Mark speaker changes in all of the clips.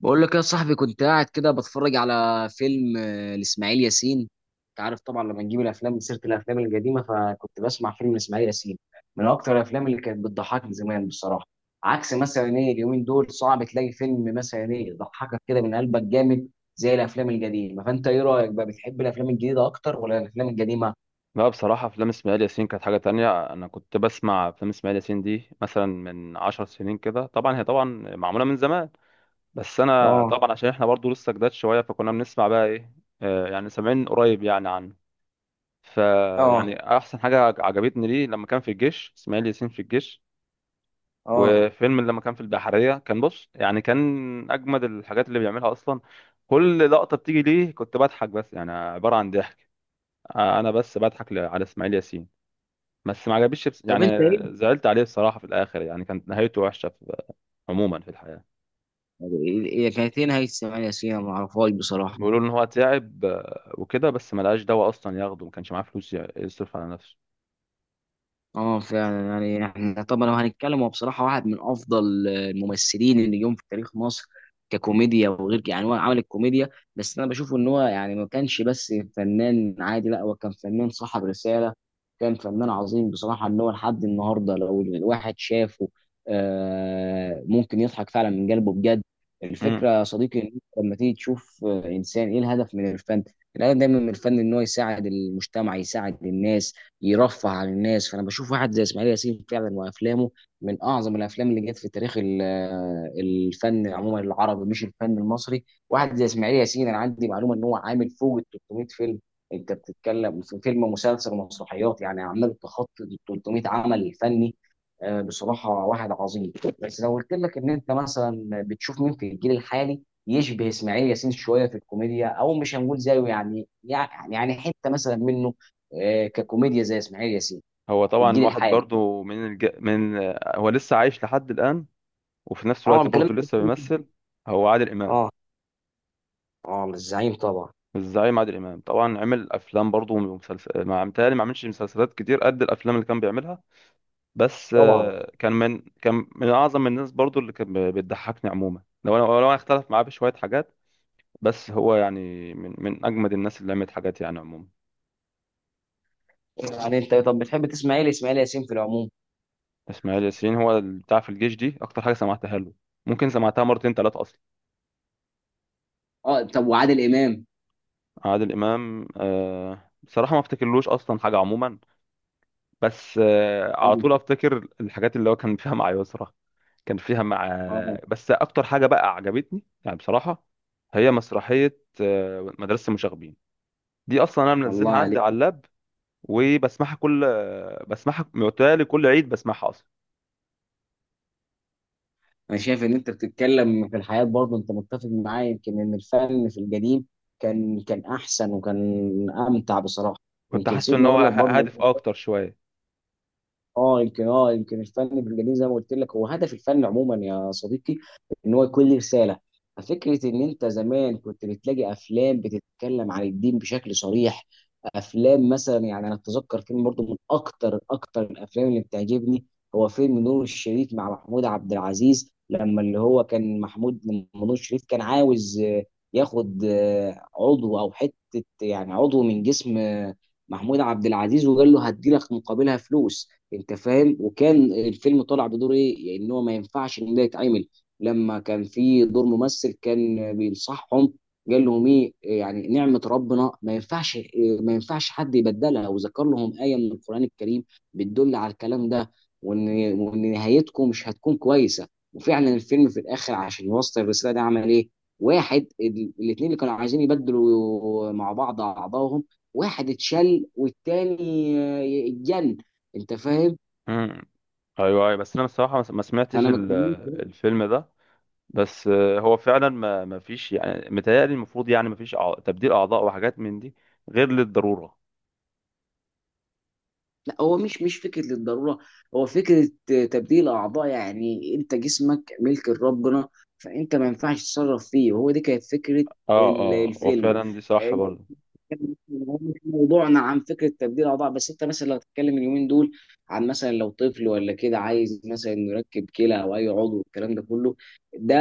Speaker 1: بقول لك يا صاحبي، كنت قاعد كده بتفرج على فيلم لإسماعيل ياسين. انت عارف طبعا لما نجيب الافلام من سيره الافلام القديمه، فكنت بسمع فيلم لإسماعيل ياسين، من اكتر الافلام اللي كانت بتضحكني زمان بصراحه. عكس مثلا ايه اليومين دول، صعب تلاقي فيلم مثلا ايه يضحكك كده من قلبك جامد زي الافلام القديمه. فانت ايه رايك بقى، بتحب الافلام الجديده اكتر ولا الافلام القديمه؟
Speaker 2: لا بصراحة، أفلام إسماعيل ياسين كانت حاجة تانية. أنا كنت بسمع أفلام إسماعيل ياسين دي مثلا من 10 سنين كده، طبعا هي طبعا معمولة من زمان. بس أنا
Speaker 1: اه.
Speaker 2: طبعا عشان إحنا برضو لسه جداد شوية، فكنا بنسمع بقى إيه، يعني سامعين قريب يعني عنه.
Speaker 1: اه.
Speaker 2: فيعني أحسن حاجة عجبتني ليه لما كان في الجيش، إسماعيل ياسين في الجيش.
Speaker 1: اه.
Speaker 2: وفيلم لما كان في البحرية، كان بص يعني كان أجمد الحاجات اللي بيعملها أصلا. كل لقطة بتيجي ليه كنت بضحك، بس يعني عبارة عن ضحك. أنا بس بضحك على إسماعيل ياسين. بس ما عجبنيش،
Speaker 1: طب
Speaker 2: يعني
Speaker 1: انت ايه؟
Speaker 2: زعلت عليه بصراحة في الآخر، يعني كانت نهايته وحشة عموما في الحياة.
Speaker 1: هي كانت ايه نهايه إسماعيل ياسين؟ أنا ما اعرفهاش بصراحه.
Speaker 2: بيقولوا إن هو تعب، وكده، بس ما لقاش دواء أصلا ياخده، ما كانش معاه فلوس يصرف على نفسه.
Speaker 1: اه فعلا، يعني احنا طبعا لو هنتكلم، هو بصراحه واحد من افضل الممثلين اللي جم في تاريخ مصر ككوميديا، وغير كده يعني هو عمل الكوميديا. بس انا بشوف ان هو يعني ما كانش بس فنان عادي، لا هو كان فنان صاحب رساله، كان فنان عظيم بصراحه، ان هو لحد النهارده لو الواحد شافه ممكن يضحك فعلا من قلبه بجد.
Speaker 2: مم.
Speaker 1: الفكره يا صديقي إن أنت لما تيجي تشوف انسان، ايه الهدف من الفن؟ الهدف دايما من الفن ان هو يساعد المجتمع، يساعد الناس، يرفه عن الناس. فانا بشوف واحد زي اسماعيل ياسين فعلا، وافلامه من اعظم الافلام اللي جت في تاريخ الفن عموما العربي، مش الفن المصري. واحد زي اسماعيل ياسين، انا عندي معلومه ان هو عامل فوق ال 300 فيلم. انت بتتكلم في فيلم، مسلسل، ومسرحيات، يعني عمال تخطي ال 300 عمل فني. بصراحه واحد عظيم. بس لو قلت لك ان انت مثلا بتشوف مين في الجيل الحالي يشبه اسماعيل ياسين شويه في الكوميديا، او مش هنقول زيه، يعني حته مثلا منه، ككوميديا زي اسماعيل ياسين،
Speaker 2: هو
Speaker 1: في
Speaker 2: طبعا
Speaker 1: الجيل
Speaker 2: واحد
Speaker 1: الحالي.
Speaker 2: برضو من الج... من آه، هو لسه عايش لحد الآن، وفي نفس الوقت
Speaker 1: طبعا كلام.
Speaker 2: برضو لسه بيمثل. هو عادل إمام.
Speaker 1: اه. اه الزعيم طبعا.
Speaker 2: الزعيم عادل إمام طبعا عمل أفلام برضو ومسلسل، ما متهيألي ما عملش مسلسلات كتير قد الأفلام اللي كان بيعملها. بس
Speaker 1: طبعا.
Speaker 2: كان من اعظم الناس برضو اللي كان بتضحكني عموما، لو انا اختلف معاه بشويه حاجات. بس هو يعني من اجمد الناس اللي عملت حاجات يعني عموما.
Speaker 1: يعني انت طب بتحب تسمع ايه لاسماعيل ياسين في العموم؟
Speaker 2: اسماعيل ياسين، هو اللي بتاع في الجيش دي اكتر حاجه سمعتها له. ممكن سمعتها مرتين ثلاثه اصلا.
Speaker 1: اه طب وعادل امام؟
Speaker 2: عادل امام، آه بصراحه ما افتكرلوش اصلا حاجه عموما. بس
Speaker 1: اه.
Speaker 2: على طول افتكر الحاجات اللي هو كان فيها مع يسرا. كان فيها مع.
Speaker 1: اه
Speaker 2: بس اكتر حاجه بقى عجبتني يعني بصراحه، هي مسرحيه مدرسه المشاغبين. دي اصلا انا
Speaker 1: الله
Speaker 2: منزلها عندي
Speaker 1: عليك.
Speaker 2: على اللاب. وبسمعها كل بسمعها متهيألي كل عيد، بسمعها اصلا.
Speaker 1: انا شايف ان انت بتتكلم في الحياه برضه، انت متفق معايا يمكن ان الفن في القديم كان احسن وكان امتع بصراحه.
Speaker 2: كنت
Speaker 1: يمكن
Speaker 2: حاسس ان
Speaker 1: سيبني
Speaker 2: هو
Speaker 1: اقول لك برضه،
Speaker 2: هادف اكتر شويه.
Speaker 1: اه يمكن يمكن الفن بالجميل زي ما قلت لك، هو هدف الفن عموما يا صديقي ان هو يكون ليه رساله. ففكره ان انت زمان كنت بتلاقي افلام بتتكلم عن الدين بشكل صريح، افلام مثلا يعني انا اتذكر فيلم برضه من اكتر الافلام اللي بتعجبني، هو فيلم نور الشريف مع محمود عبد العزيز، لما اللي هو كان محمود، لما نور الشريف كان عاوز ياخد عضو او حته يعني عضو من جسم محمود عبد العزيز، وقال له هدي لك مقابلها فلوس، انت فاهم. وكان الفيلم طالع بدور ايه، يعني ان هو ما ينفعش ان ده يتعمل. لما كان في دور ممثل كان بينصحهم، قال لهم ايه يعني نعمة ربنا، ما ينفعش، ما ينفعش حد يبدلها، وذكر لهم آية من القرآن الكريم بتدل على الكلام ده، وان نهايتكم مش هتكون كويسة. وفعلا الفيلم في الاخر عشان يوصل الرسالة ده عمل ايه، واحد الاتنين اللي كانوا عايزين يبدلوا مع بعض اعضائهم، واحد اتشل، والتاني اتجن، انت فاهم.
Speaker 2: امم. ايوه ايوه، بس انا بصراحه ما سمعتش
Speaker 1: انا ما بتكلمش.
Speaker 2: الفيلم ده. بس هو فعلا ما فيش يعني متهيألي، المفروض يعني ما فيش تبديل اعضاء وحاجات من دي، غير للضروره.
Speaker 1: لا هو مش فكره للضروره، هو فكره تبديل اعضاء، يعني انت جسمك ملك لربنا، فانت ما ينفعش تتصرف فيه. وهو دي كانت فكره
Speaker 2: اه اه، هو
Speaker 1: الفيلم.
Speaker 2: فعلا دي صح
Speaker 1: آه،
Speaker 2: برضه.
Speaker 1: هو مش موضوعنا عن فكره تبديل اعضاء، بس انت مثلا لو هتتكلم اليومين دول عن مثلا لو طفل ولا كده عايز مثلا انه يركب كلى او اي عضو، والكلام ده كله ده،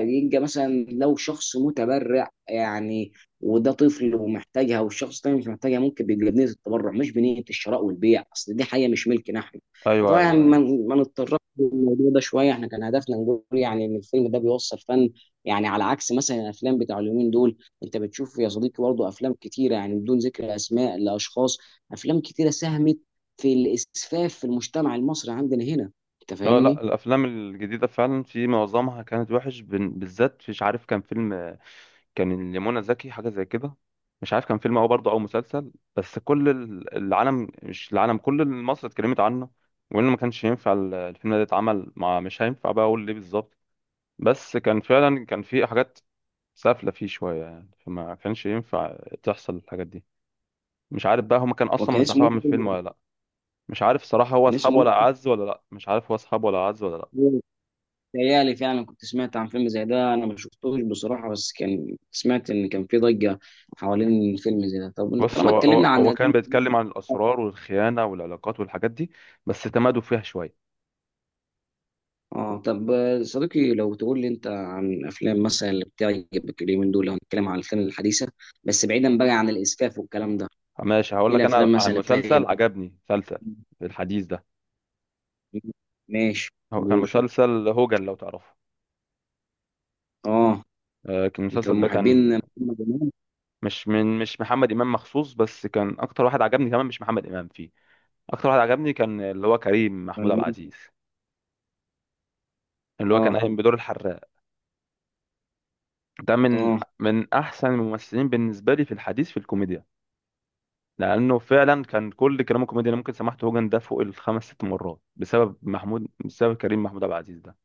Speaker 1: يبقى مثلا لو شخص متبرع يعني، وده طفل ومحتاجها، والشخص التاني مش محتاجها، ممكن بيبقى بنيه التبرع مش بنيه الشراء والبيع، اصل دي حاجه مش ملكنا احنا
Speaker 2: ايوه
Speaker 1: طبعا. يعني
Speaker 2: ايوه
Speaker 1: ما
Speaker 2: ايوه.
Speaker 1: ما نتطرقش للموضوع ده شويه، احنا كان هدفنا نقول يعني ان الفيلم ده بيوصل فن، يعني على عكس مثلا الافلام بتاع اليومين دول. انت بتشوف يا صديقي برضه افلام كتيره، يعني بدون ذكر اسماء لاشخاص، افلام كتيره ساهمت في الاسفاف في المجتمع المصري عندنا هنا، انت
Speaker 2: لا لا،
Speaker 1: فاهمني.
Speaker 2: الافلام الجديده فعلا في معظمها كانت وحش بالذات. مش عارف، كان فيلم كان لمنى زكي حاجه زي كده. مش عارف كان فيلم او برضه او مسلسل، بس كل العالم، مش العالم، كل مصر اتكلمت عنه. وانه ما كانش ينفع الفيلم ده يتعمل مع، مش هينفع بقى اقول ليه بالظبط. بس كان فعلا كان في حاجات سافله فيه شويه يعني، فما كانش ينفع تحصل الحاجات دي. مش عارف بقى هما كان اصلا
Speaker 1: وكان
Speaker 2: مسحوها
Speaker 1: اسمه.
Speaker 2: من الفيلم ولا لا. مش عارف صراحه، هو
Speaker 1: كان
Speaker 2: اصحاب
Speaker 1: اسمه.
Speaker 2: ولا اعز ولا لا، مش عارف هو اصحاب ولا اعز ولا لا.
Speaker 1: تهيألي فعلا كنت سمعت عن فيلم زي ده، انا ما شفتوش بصراحه، بس كان سمعت ان كان في ضجه حوالين فيلم زي ده. طب
Speaker 2: بص
Speaker 1: طالما
Speaker 2: هو
Speaker 1: اتكلمنا
Speaker 2: هو هو
Speaker 1: عن.
Speaker 2: كان بيتكلم عن الاسرار والخيانه والعلاقات والحاجات دي. بس تمادوا فيها شويه.
Speaker 1: اه طب صديقي لو تقول لي انت عن افلام مثلا اللي بتعجبك اليومين دول، لو هنتكلم عن الافلام الحديثه، بس بعيدا بقى عن الاسفاف والكلام ده،
Speaker 2: ماشي، هقول
Speaker 1: ايه
Speaker 2: لك انا
Speaker 1: الافلام مثلا
Speaker 2: عن
Speaker 1: اللي
Speaker 2: مسلسل
Speaker 1: بتعجبك؟
Speaker 2: عجبني، مسلسل في الحديث ده.
Speaker 1: ماشي.
Speaker 2: هو كان
Speaker 1: قول.
Speaker 2: مسلسل هوجن، لو تعرفه.
Speaker 1: اه.
Speaker 2: كان
Speaker 1: انت
Speaker 2: المسلسل
Speaker 1: من
Speaker 2: ده
Speaker 1: محبين
Speaker 2: كان.
Speaker 1: محمد امام
Speaker 2: مش محمد امام مخصوص، بس كان اكتر واحد عجبني كمان مش محمد امام فيه. اكتر واحد عجبني كان اللي هو كريم محمود
Speaker 1: ولا
Speaker 2: عبد
Speaker 1: مين؟
Speaker 2: العزيز، اللي هو كان
Speaker 1: اه.
Speaker 2: قايم بدور الحراق. ده من
Speaker 1: اه.
Speaker 2: من احسن الممثلين بالنسبه لي في الحديث في الكوميديا. لانه فعلا كان كل كلامه كوميدي، انا ممكن سمعت هوجن ده فوق الخمس ست مرات بسبب محمود، بسبب كريم محمود عبد العزيز ده.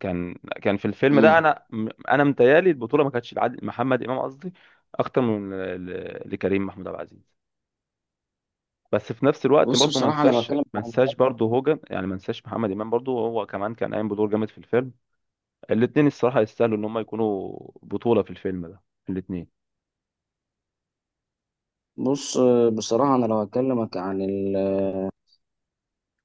Speaker 2: كان كان في الفيلم ده
Speaker 1: امم.
Speaker 2: انا. انا متهيألي البطوله ما كانتش لعادل، محمد امام قصدي، اكتر من لكريم محمود عبد العزيز. بس في نفس الوقت
Speaker 1: بص
Speaker 2: برضه ما
Speaker 1: بصراحه انا
Speaker 2: انساش
Speaker 1: بتكلم
Speaker 2: ما
Speaker 1: عن.
Speaker 2: انساش برضه هوجن، يعني ما انساش محمد امام برضه، هو كمان كان قايم بدور جامد في الفيلم. الاثنين الصراحه يستاهلوا ان هم يكونوا بطوله في الفيلم ده، الاثنين.
Speaker 1: بص بصراحه انا لو هكلمك عن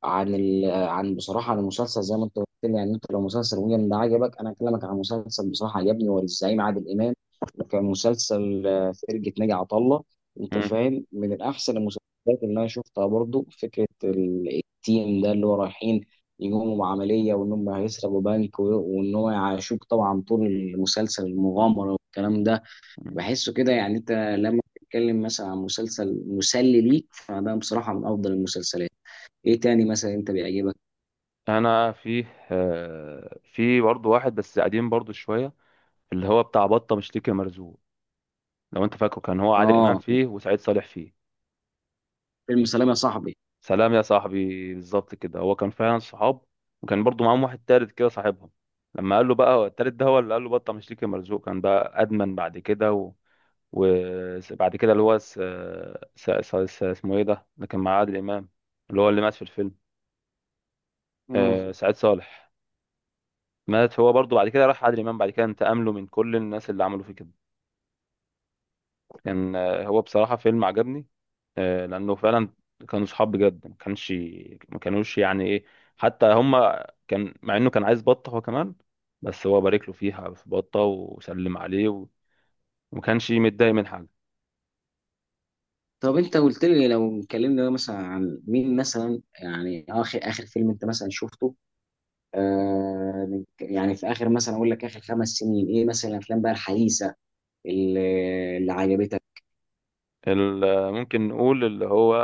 Speaker 1: عن عن بصراحه عن المسلسل زي ما انت قلت لي، يعني انت لو مسلسل ويجن ده عجبك، انا اكلمك عن مسلسل بصراحه عجبني، هو للزعيم عادل امام، وكان مسلسل فرقه ناجي عطا الله، انت
Speaker 2: مم.
Speaker 1: فاهم، من الاحسن المسلسلات اللي انا شفتها برضو. فكره التيم ده اللي هو رايحين يقوموا بعمليه، وان هم هيسرقوا بنك، وان هو يعيشوك طبعا طول المسلسل المغامره والكلام ده، بحسه كده. يعني انت لما تتكلم مثلا عن مسلسل مسلي ليك، فده بصراحه من افضل المسلسلات. ايه تاني مثلا انت بيعجبك؟
Speaker 2: انا في في برضه واحد بس قديم برضه شويه، اللي هو بتاع بطة مشتكي مرزوق. لو انت فاكره، كان هو عادل امام
Speaker 1: اه.
Speaker 2: فيه وسعيد صالح فيه.
Speaker 1: فيلم سلام يا صاحبي.
Speaker 2: سلام يا صاحبي، بالظبط كده، هو كان فعلا صحاب. وكان برضو معاهم واحد تالت كده صاحبهم. لما قال له بقى، هو التالت ده هو اللي قال له بطة مشتكي مرزوق، كان بقى ادمن بعد كده. و... وبعد كده اللي هو اسمه ايه ده اللي كان مع عادل امام، اللي هو اللي مات في الفيلم.
Speaker 1: اه
Speaker 2: سعيد صالح. مات هو برضو بعد كده، راح عادل امام بعد كده انتقم له من كل الناس اللي عملوا فيه كده. كان هو بصراحة فيلم عجبني. لأنه فعلا كانوا صحاب بجد، ما كانش ما كانوش يعني إيه. حتى هما كان مع إنه كان عايز بطة هو كمان، بس هو بارك له فيها في بطة وسلم عليه، وما كانش متضايق من حاجة.
Speaker 1: طب انت قلت لي لو اتكلمنا مثلا عن مين، مثلا يعني اخر فيلم انت مثلا شفته، يعني في اخر مثلا اقول لك اخر 5 سنين، ايه مثلا الافلام بقى الحديثه اللي, اللي عجبتك؟
Speaker 2: ممكن نقول اللي هو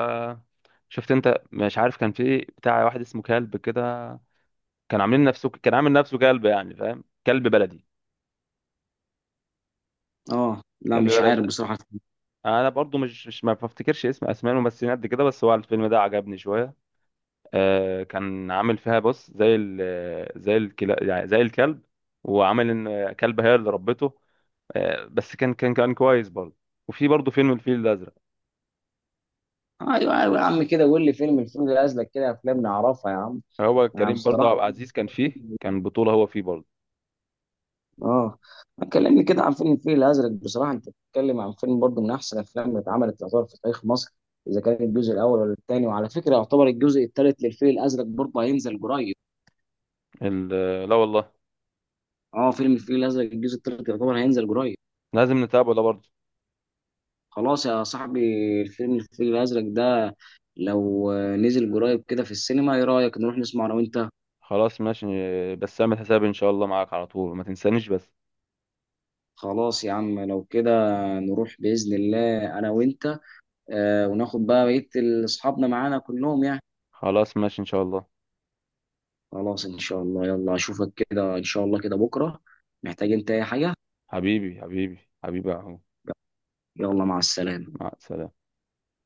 Speaker 2: شفت أنت، مش عارف كان في بتاع واحد اسمه كلب كده. كان عامل نفسه كلب، يعني فاهم، كلب بلدي.
Speaker 1: اه لا
Speaker 2: كلب
Speaker 1: مش عارف
Speaker 2: بلدي.
Speaker 1: بصراحه.
Speaker 2: انا برضو مش مش ما بفتكرش اسمائهم بس قد كده، بس هو الفيلم ده عجبني شوية. كان عامل فيها بص زي زي الكلا، يعني زي الكلب. وعامل ان كلبة هي اللي ربته. بس كان كويس برضه. وفي برضه فيلم الفيل الازرق.
Speaker 1: ايوه ايوه يا عم كده، قول لي الفيلم ده ازلك كده، افلام نعرفها يا عم.
Speaker 2: هو
Speaker 1: انا
Speaker 2: كريم برضه
Speaker 1: بصراحه.
Speaker 2: عبد العزيز كان فيه، كان بطولة هو فيه برضه.
Speaker 1: اه. كلمني كده عن فيلم الفيل الازرق، بصراحه انت بتتكلم عن فيلم برضه من احسن الافلام اللي اتعملت، يعتبر في تاريخ مصر، اذا كان الجزء الاول ولا الثاني. وعلى فكره يعتبر الجزء الثالث للفيل الازرق برضه هينزل قريب.
Speaker 2: لا والله.
Speaker 1: اه فيلم الفيل الازرق الجزء الثالث يعتبر هينزل قريب.
Speaker 2: لازم نتابعه ده برضه.
Speaker 1: خلاص يا صاحبي، الفيل الازرق ده لو نزل قريب كده في السينما، ايه رايك نروح نسمع انا وانت؟
Speaker 2: خلاص ماشي. بس اعمل حسابي ان شاء الله معاك على طول، ما تنسانيش بس.
Speaker 1: خلاص يا عم، لو كده نروح باذن الله انا وانت، وناخد بقى بقيه اصحابنا معانا كلهم يعني.
Speaker 2: خلاص ماشي ان شاء الله.
Speaker 1: خلاص ان شاء الله. يلا اشوفك كده ان شاء الله كده بكره. محتاج انت اي حاجه؟
Speaker 2: حبيبي حبيبي، حبيبي اهو.
Speaker 1: يلا مع السلامه.
Speaker 2: مع السلامة.